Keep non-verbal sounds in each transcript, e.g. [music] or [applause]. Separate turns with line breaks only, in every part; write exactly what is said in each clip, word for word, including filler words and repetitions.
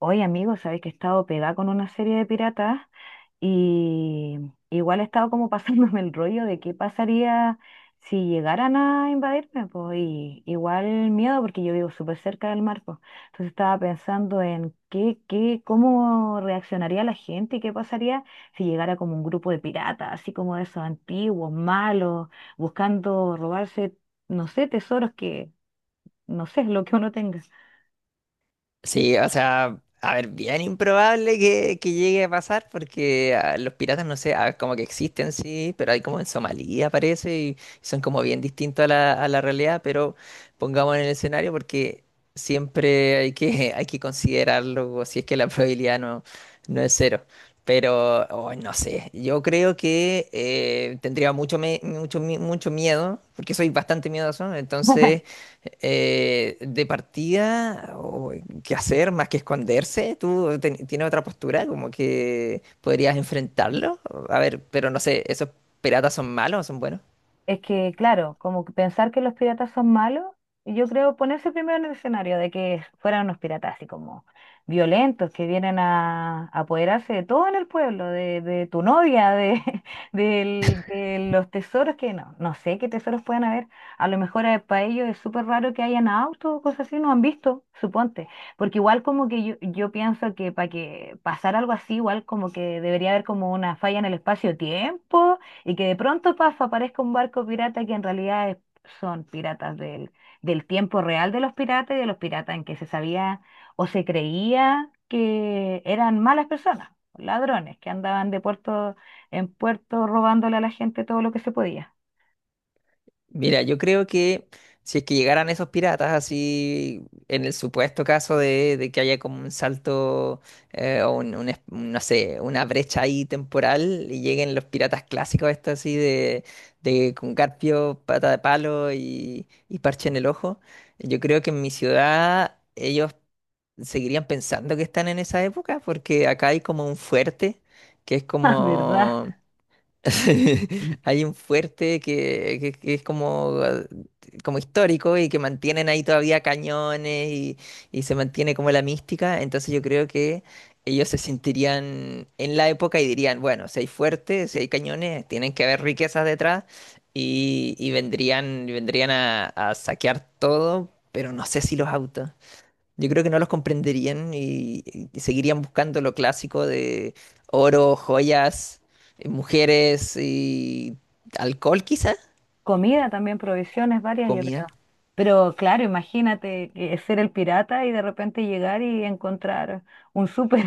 Oye, amigos, sabéis que he estado pegada con una serie de piratas y igual he estado como [laughs] pasándome el rollo de qué pasaría si llegaran a invadirme, pues, y igual miedo porque yo vivo súper cerca del mar, pues. Entonces estaba pensando en qué, qué, cómo reaccionaría la gente y qué pasaría si llegara como un grupo de piratas, así como de esos antiguos, malos, buscando robarse, no sé, tesoros que, no sé, lo que uno tenga.
Sí, o sea, a ver, bien improbable que, que llegue a pasar porque ah, los piratas, no sé, ah, como que existen, sí, pero hay como en Somalia, parece, y son como bien distintos a la, a la realidad, pero pongamos en el escenario porque siempre hay que, [laughs] hay que considerarlo, o si es que la probabilidad no, no es cero. Pero, oh, no sé, yo creo que eh, tendría mucho, me- mucho, mi- mucho miedo, porque soy bastante miedoso. Entonces
[laughs]
eh, de partida, o ¿qué hacer más que esconderse? ¿Tú ten- tienes otra postura como que podrías enfrentarlo? A ver, pero no sé, ¿esos piratas son malos o son buenos?
Es que, claro, como que pensar que los piratas son malos, y yo creo ponerse primero en el escenario de que fueran unos piratas así como violentos, que vienen a, a apoderarse de todo en el pueblo, de, de tu novia, de, [laughs] del- de los tesoros que no, no sé qué tesoros puedan haber. A lo mejor eh, para ellos es súper raro que hayan autos o cosas así, no han visto, suponte. Porque igual como que yo, yo pienso que para que pasara algo así, igual como que debería haber como una falla en el espacio-tiempo y que de pronto, paf, aparezca un barco pirata que en realidad es- son piratas del, del tiempo real de los piratas y de los piratas en que se sabía o se creía que eran malas personas, ladrones que andaban de puerto en puerto robándole a la gente todo lo que se podía. [laughs]
Mira, yo creo que si es que llegaran esos piratas así, en el supuesto caso de, de que haya como un salto, eh, o un, un es- no sé, una brecha ahí temporal, y lleguen los piratas clásicos estos así de, de con garfio, pata de palo y, y parche en el ojo, yo creo que en mi ciudad ellos seguirían pensando que están en esa época, porque acá hay como un fuerte que es
Ah, ¿verdad?
como... [laughs] Hay un fuerte que, que- que es como, ah, como histórico, y que mantienen ahí todavía cañones, y, y se mantiene como la mística. Entonces yo creo que ellos se sentirían en la época y dirían, bueno, si hay fuertes, si hay cañones, tienen que haber riquezas detrás, y, y vendrían, vendrían a, a saquear todo, pero no sé si los autos. Yo creo que no los comprenderían, y, y seguirían buscando lo clásico de oro, joyas, eh, mujeres y alcohol, quizá,
Comida también, provisiones varias, yo
comida.
creo. Pero claro, imagínate que ser el pirata y de repente llegar y encontrar un súper.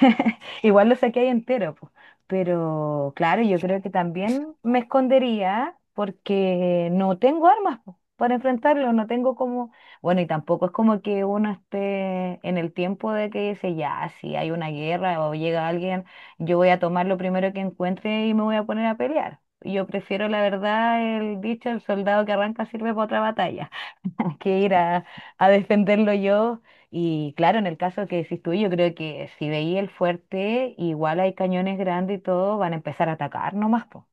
[laughs] Igual lo saqué ahí entero, po. Pero claro, yo creo que también me escondería porque no tengo armas, po, para enfrentarlo, no tengo como... Bueno, y tampoco es como que uno esté en el tiempo de que dice, ya, si hay una guerra o llega alguien, yo voy a tomar lo primero que encuentre y me voy a poner a pelear. Yo prefiero, la verdad, el dicho, el soldado que arranca sirve para otra batalla, [laughs] que ir a, a defenderlo yo. Y claro, en el caso que decís tú, yo creo que si veía el fuerte, igual hay cañones grandes y todo, van a empezar a atacar nomás, po.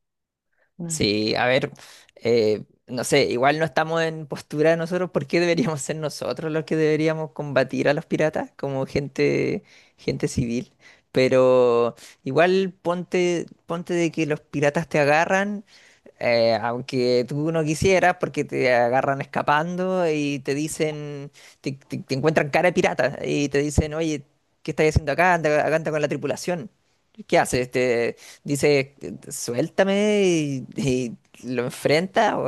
No.
Sí, a ver, eh, no sé, igual no estamos en postura de nosotros. ¿Por qué deberíamos ser nosotros los que deberíamos combatir a los piratas como gente, gente civil? Pero igual ponte, ponte de que los piratas te agarran. Eh, aunque tú no quisieras, porque te agarran escapando y te dicen, te, te- te encuentran cara de pirata y te dicen, oye, ¿qué estás haciendo acá? Anda, acá anda con la tripulación. ¿Qué haces? Te dice, suéltame, y, y lo enfrentas, o,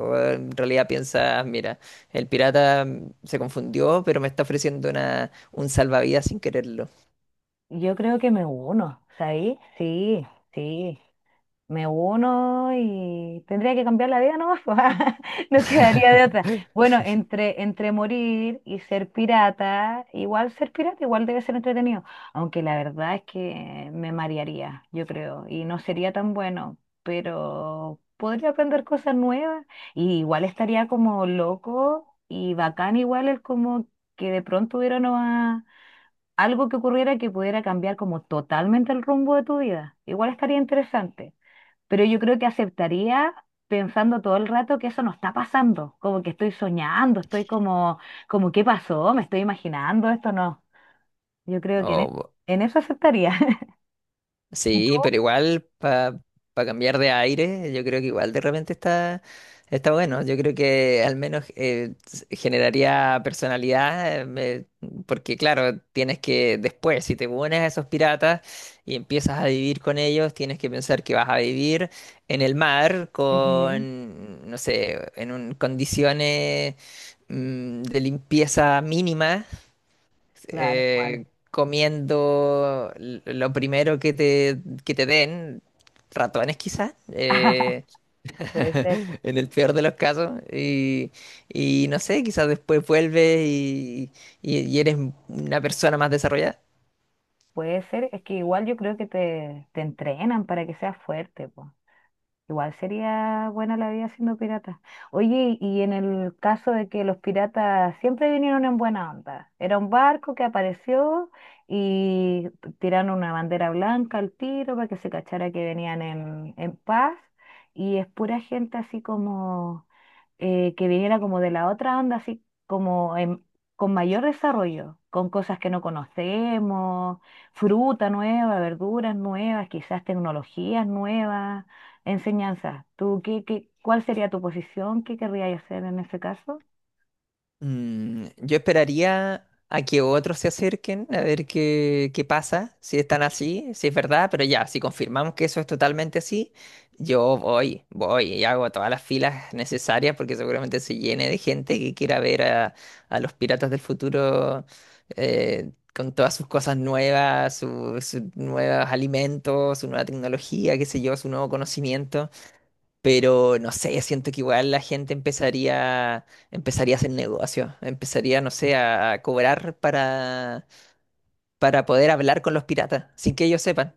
o en realidad piensas, mira, el pirata se confundió, pero me está ofreciendo una, un salvavidas sin quererlo.
Yo creo que me uno, ¿sabéis? Sí, sí. Me uno y tendría que cambiar la vida nomás, pues, [laughs] no quedaría de otra. Bueno, entre, entre morir y ser pirata, igual ser pirata, igual debe ser entretenido, aunque la verdad es que me marearía, yo creo, y no sería tan bueno, pero podría aprender cosas nuevas y igual estaría como loco y bacán igual el como que de pronto hubiera una- algo que ocurriera que pudiera cambiar como totalmente el rumbo de tu vida. Igual estaría interesante pero yo creo que aceptaría pensando todo el rato que eso no está pasando, como que estoy soñando, estoy como, como ¿qué pasó? Me estoy imaginando, esto no. Yo creo que en, e- en eso aceptaría. [laughs] ¿Y
Sí, pero
tú?
igual para cambiar de aire, yo creo que igual de repente está, está bueno. Yo creo que al menos eh, s- generaría personalidad, eh, me- porque claro, tienes que después, si te unes a esos piratas y empiezas a vivir con ellos, tienes que pensar que vas a vivir en el mar
Ujú.
con, no sé, en un- condiciones mm, de limpieza mínima,
Claro, igual.
eh, comiendo l- lo primero que te, que te den, ratones quizás,
[laughs]
eh,
Puede ser,
[laughs] en el peor de los casos, y, y no sé, quizás después vuelves y, y- y eres una persona más desarrollada.
puede ser. Es que igual yo creo que te, te entrenan para que seas fuerte, po. Igual sería buena la vida siendo pirata. Oye, y en el caso de que los piratas siempre vinieron en buena onda, era un barco que apareció y tiraron una bandera blanca al tiro para que se cachara que venían en, en paz y es pura gente así como eh, que viniera como de la otra onda, así como en- con mayor desarrollo, con cosas que no conocemos, fruta nueva, verduras nuevas, quizás tecnologías nuevas. Enseñanza. ¿Tú qué, qué, cuál sería tu posición? ¿Qué querrías hacer en ese caso?
Mm, yo esperaría a que otros se acerquen a ver qué, qué pasa, si están así, si es verdad, pero ya, si confirmamos que eso es totalmente así, yo voy, voy y hago todas las filas necesarias, porque seguramente se llene de gente que quiera ver a, a los piratas del futuro, eh, con todas sus cosas nuevas, su- sus nuevos alimentos, su nueva tecnología, qué sé yo, su nuevo conocimiento. Pero no sé, siento que igual la gente empezaría, empezaría a hacer negocio, empezaría, no sé, a, a cobrar para, para poder hablar con los piratas, sin que ellos sepan.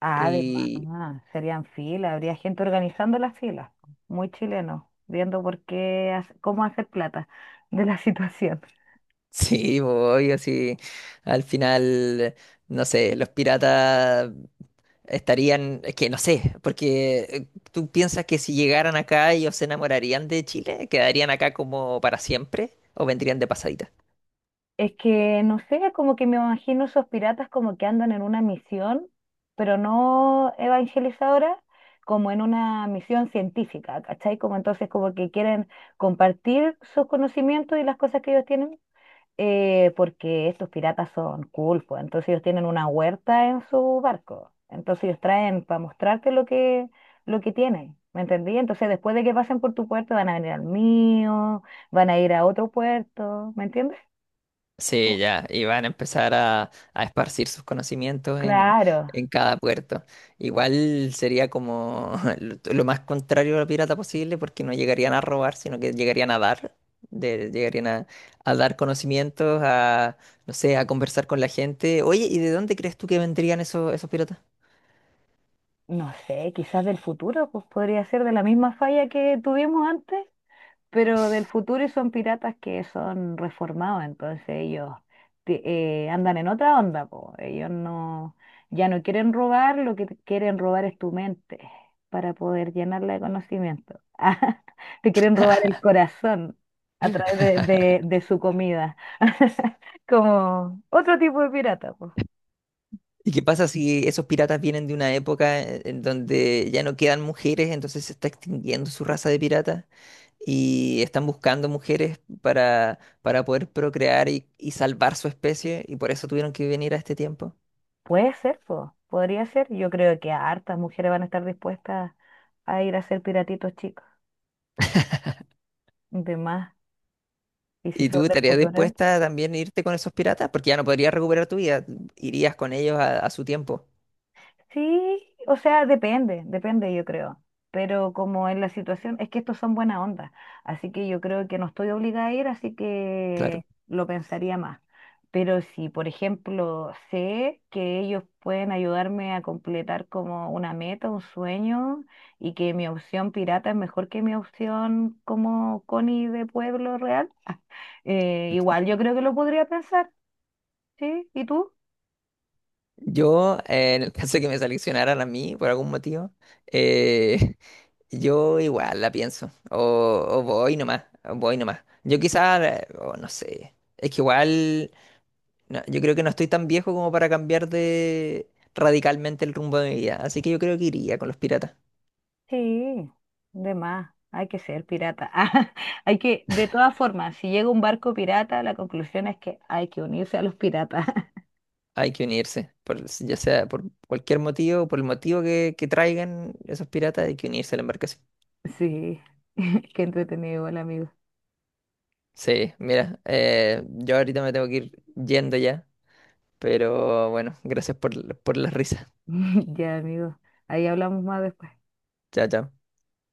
Ah,
Y
además, serían filas, habría gente organizando las filas, muy chileno, viendo por qué, hace- cómo hacer plata de la [laughs] situación.
[laughs] sí, voy así, al final, no sé, los piratas estarían, es que no sé, porque eh, tú piensas que si llegaran acá ellos se enamorarían de Chile, quedarían acá como para siempre o vendrían de pasadita.
Es que, no sé, como que me imagino esos piratas como que andan en una misión, pero no evangelizadora, como en una misión científica, ¿cachai? Como entonces como que quieren compartir sus conocimientos y las cosas que ellos tienen eh, porque estos piratas son cool, pues, entonces ellos tienen una huerta en su barco, entonces ellos traen para mostrarte lo que, lo que tienen, ¿me entendí? Entonces después de que pasen por tu puerto van a venir al mío, van a ir a otro puerto, ¿me entiendes?
Sí,
Como,
ya, y van a empezar a, a esparcir sus conocimientos en,
claro,
en cada puerto. Igual sería como [laughs] lo, lo más contrario a lo pirata posible, porque no llegarían a robar, sino que llegarían a dar, de- llegarían a, a dar conocimientos, a, no sé, a conversar con la gente. Oye, ¿y de dónde crees tú que vendrían esos, esos piratas?
no sé, quizás del futuro, pues podría ser de la misma falla que tuvimos antes. Pero del futuro y son piratas que son reformados, entonces ellos ti- eh, andan en otra onda, po. Ellos no, ya no quieren robar, lo que te quieren robar es tu mente para poder llenarla de conocimiento. [laughs] Ah, te quieren robar el corazón a través de, de- de su comida, [laughs] como otro tipo de pirata, po.
¿Y qué pasa si esos piratas vienen de una época en en donde ya no quedan mujeres, entonces se está extinguiendo su raza de piratas? Y están buscando mujeres para, para poder procrear y, y salvar su especie, y por eso tuvieron que venir a este tiempo.
Puede ser, po. Podría ser. Yo creo que hartas mujeres van a estar dispuestas a ir a ser piratitos chicos, de más. Y si
¿Y
son
tú
del
estarías
futuro.
dispuesta también a irte con esos piratas? Porque ya no podrías recuperar tu vida, irías con ellos a, a su tiempo,
Sí, o sea, depende, depende, yo creo. Pero como en la situación, es que estos son buena onda. Así que yo creo que no estoy obligada a ir, así
claro.
que lo pensaría más. Pero si, por ejemplo, sé que ellos pueden ayudarme a completar como una meta, un sueño, y que mi opción pirata es mejor que mi opción como Connie de pueblo real, [laughs] eh, igual yo creo que lo podría pensar, ¿sí? ¿Y tú?
Yo, eh, en el caso de que me seleccionaran a mí por algún motivo, eh, [laughs] yo igual la pienso, o, o voy nomás, o voy nomás. Yo quizás, eh, o no sé, es que igual... No, yo creo que no estoy tan viejo como para cambiar de radicalmente el rumbo de mi vida, así que yo creo que iría con los piratas.
Sí, de más, hay que ser pirata. [laughs] Ah, hay que, de todas formas, si llega un barco pirata, la conclusión es que hay que unirse a los piratas. [laughs]
Hay que unirse, por- ya sea por cualquier motivo, por el motivo que, que traigan esos piratas, hay que unirse a la embarcación.
Sí, [laughs] qué entretenido, igual, amigo.
Sí, mira, eh, yo ahorita me tengo que ir yendo ya, pero bueno, gracias por, por las risas.
[laughs] Ya, amigo, ahí hablamos más después.
Chao, chao.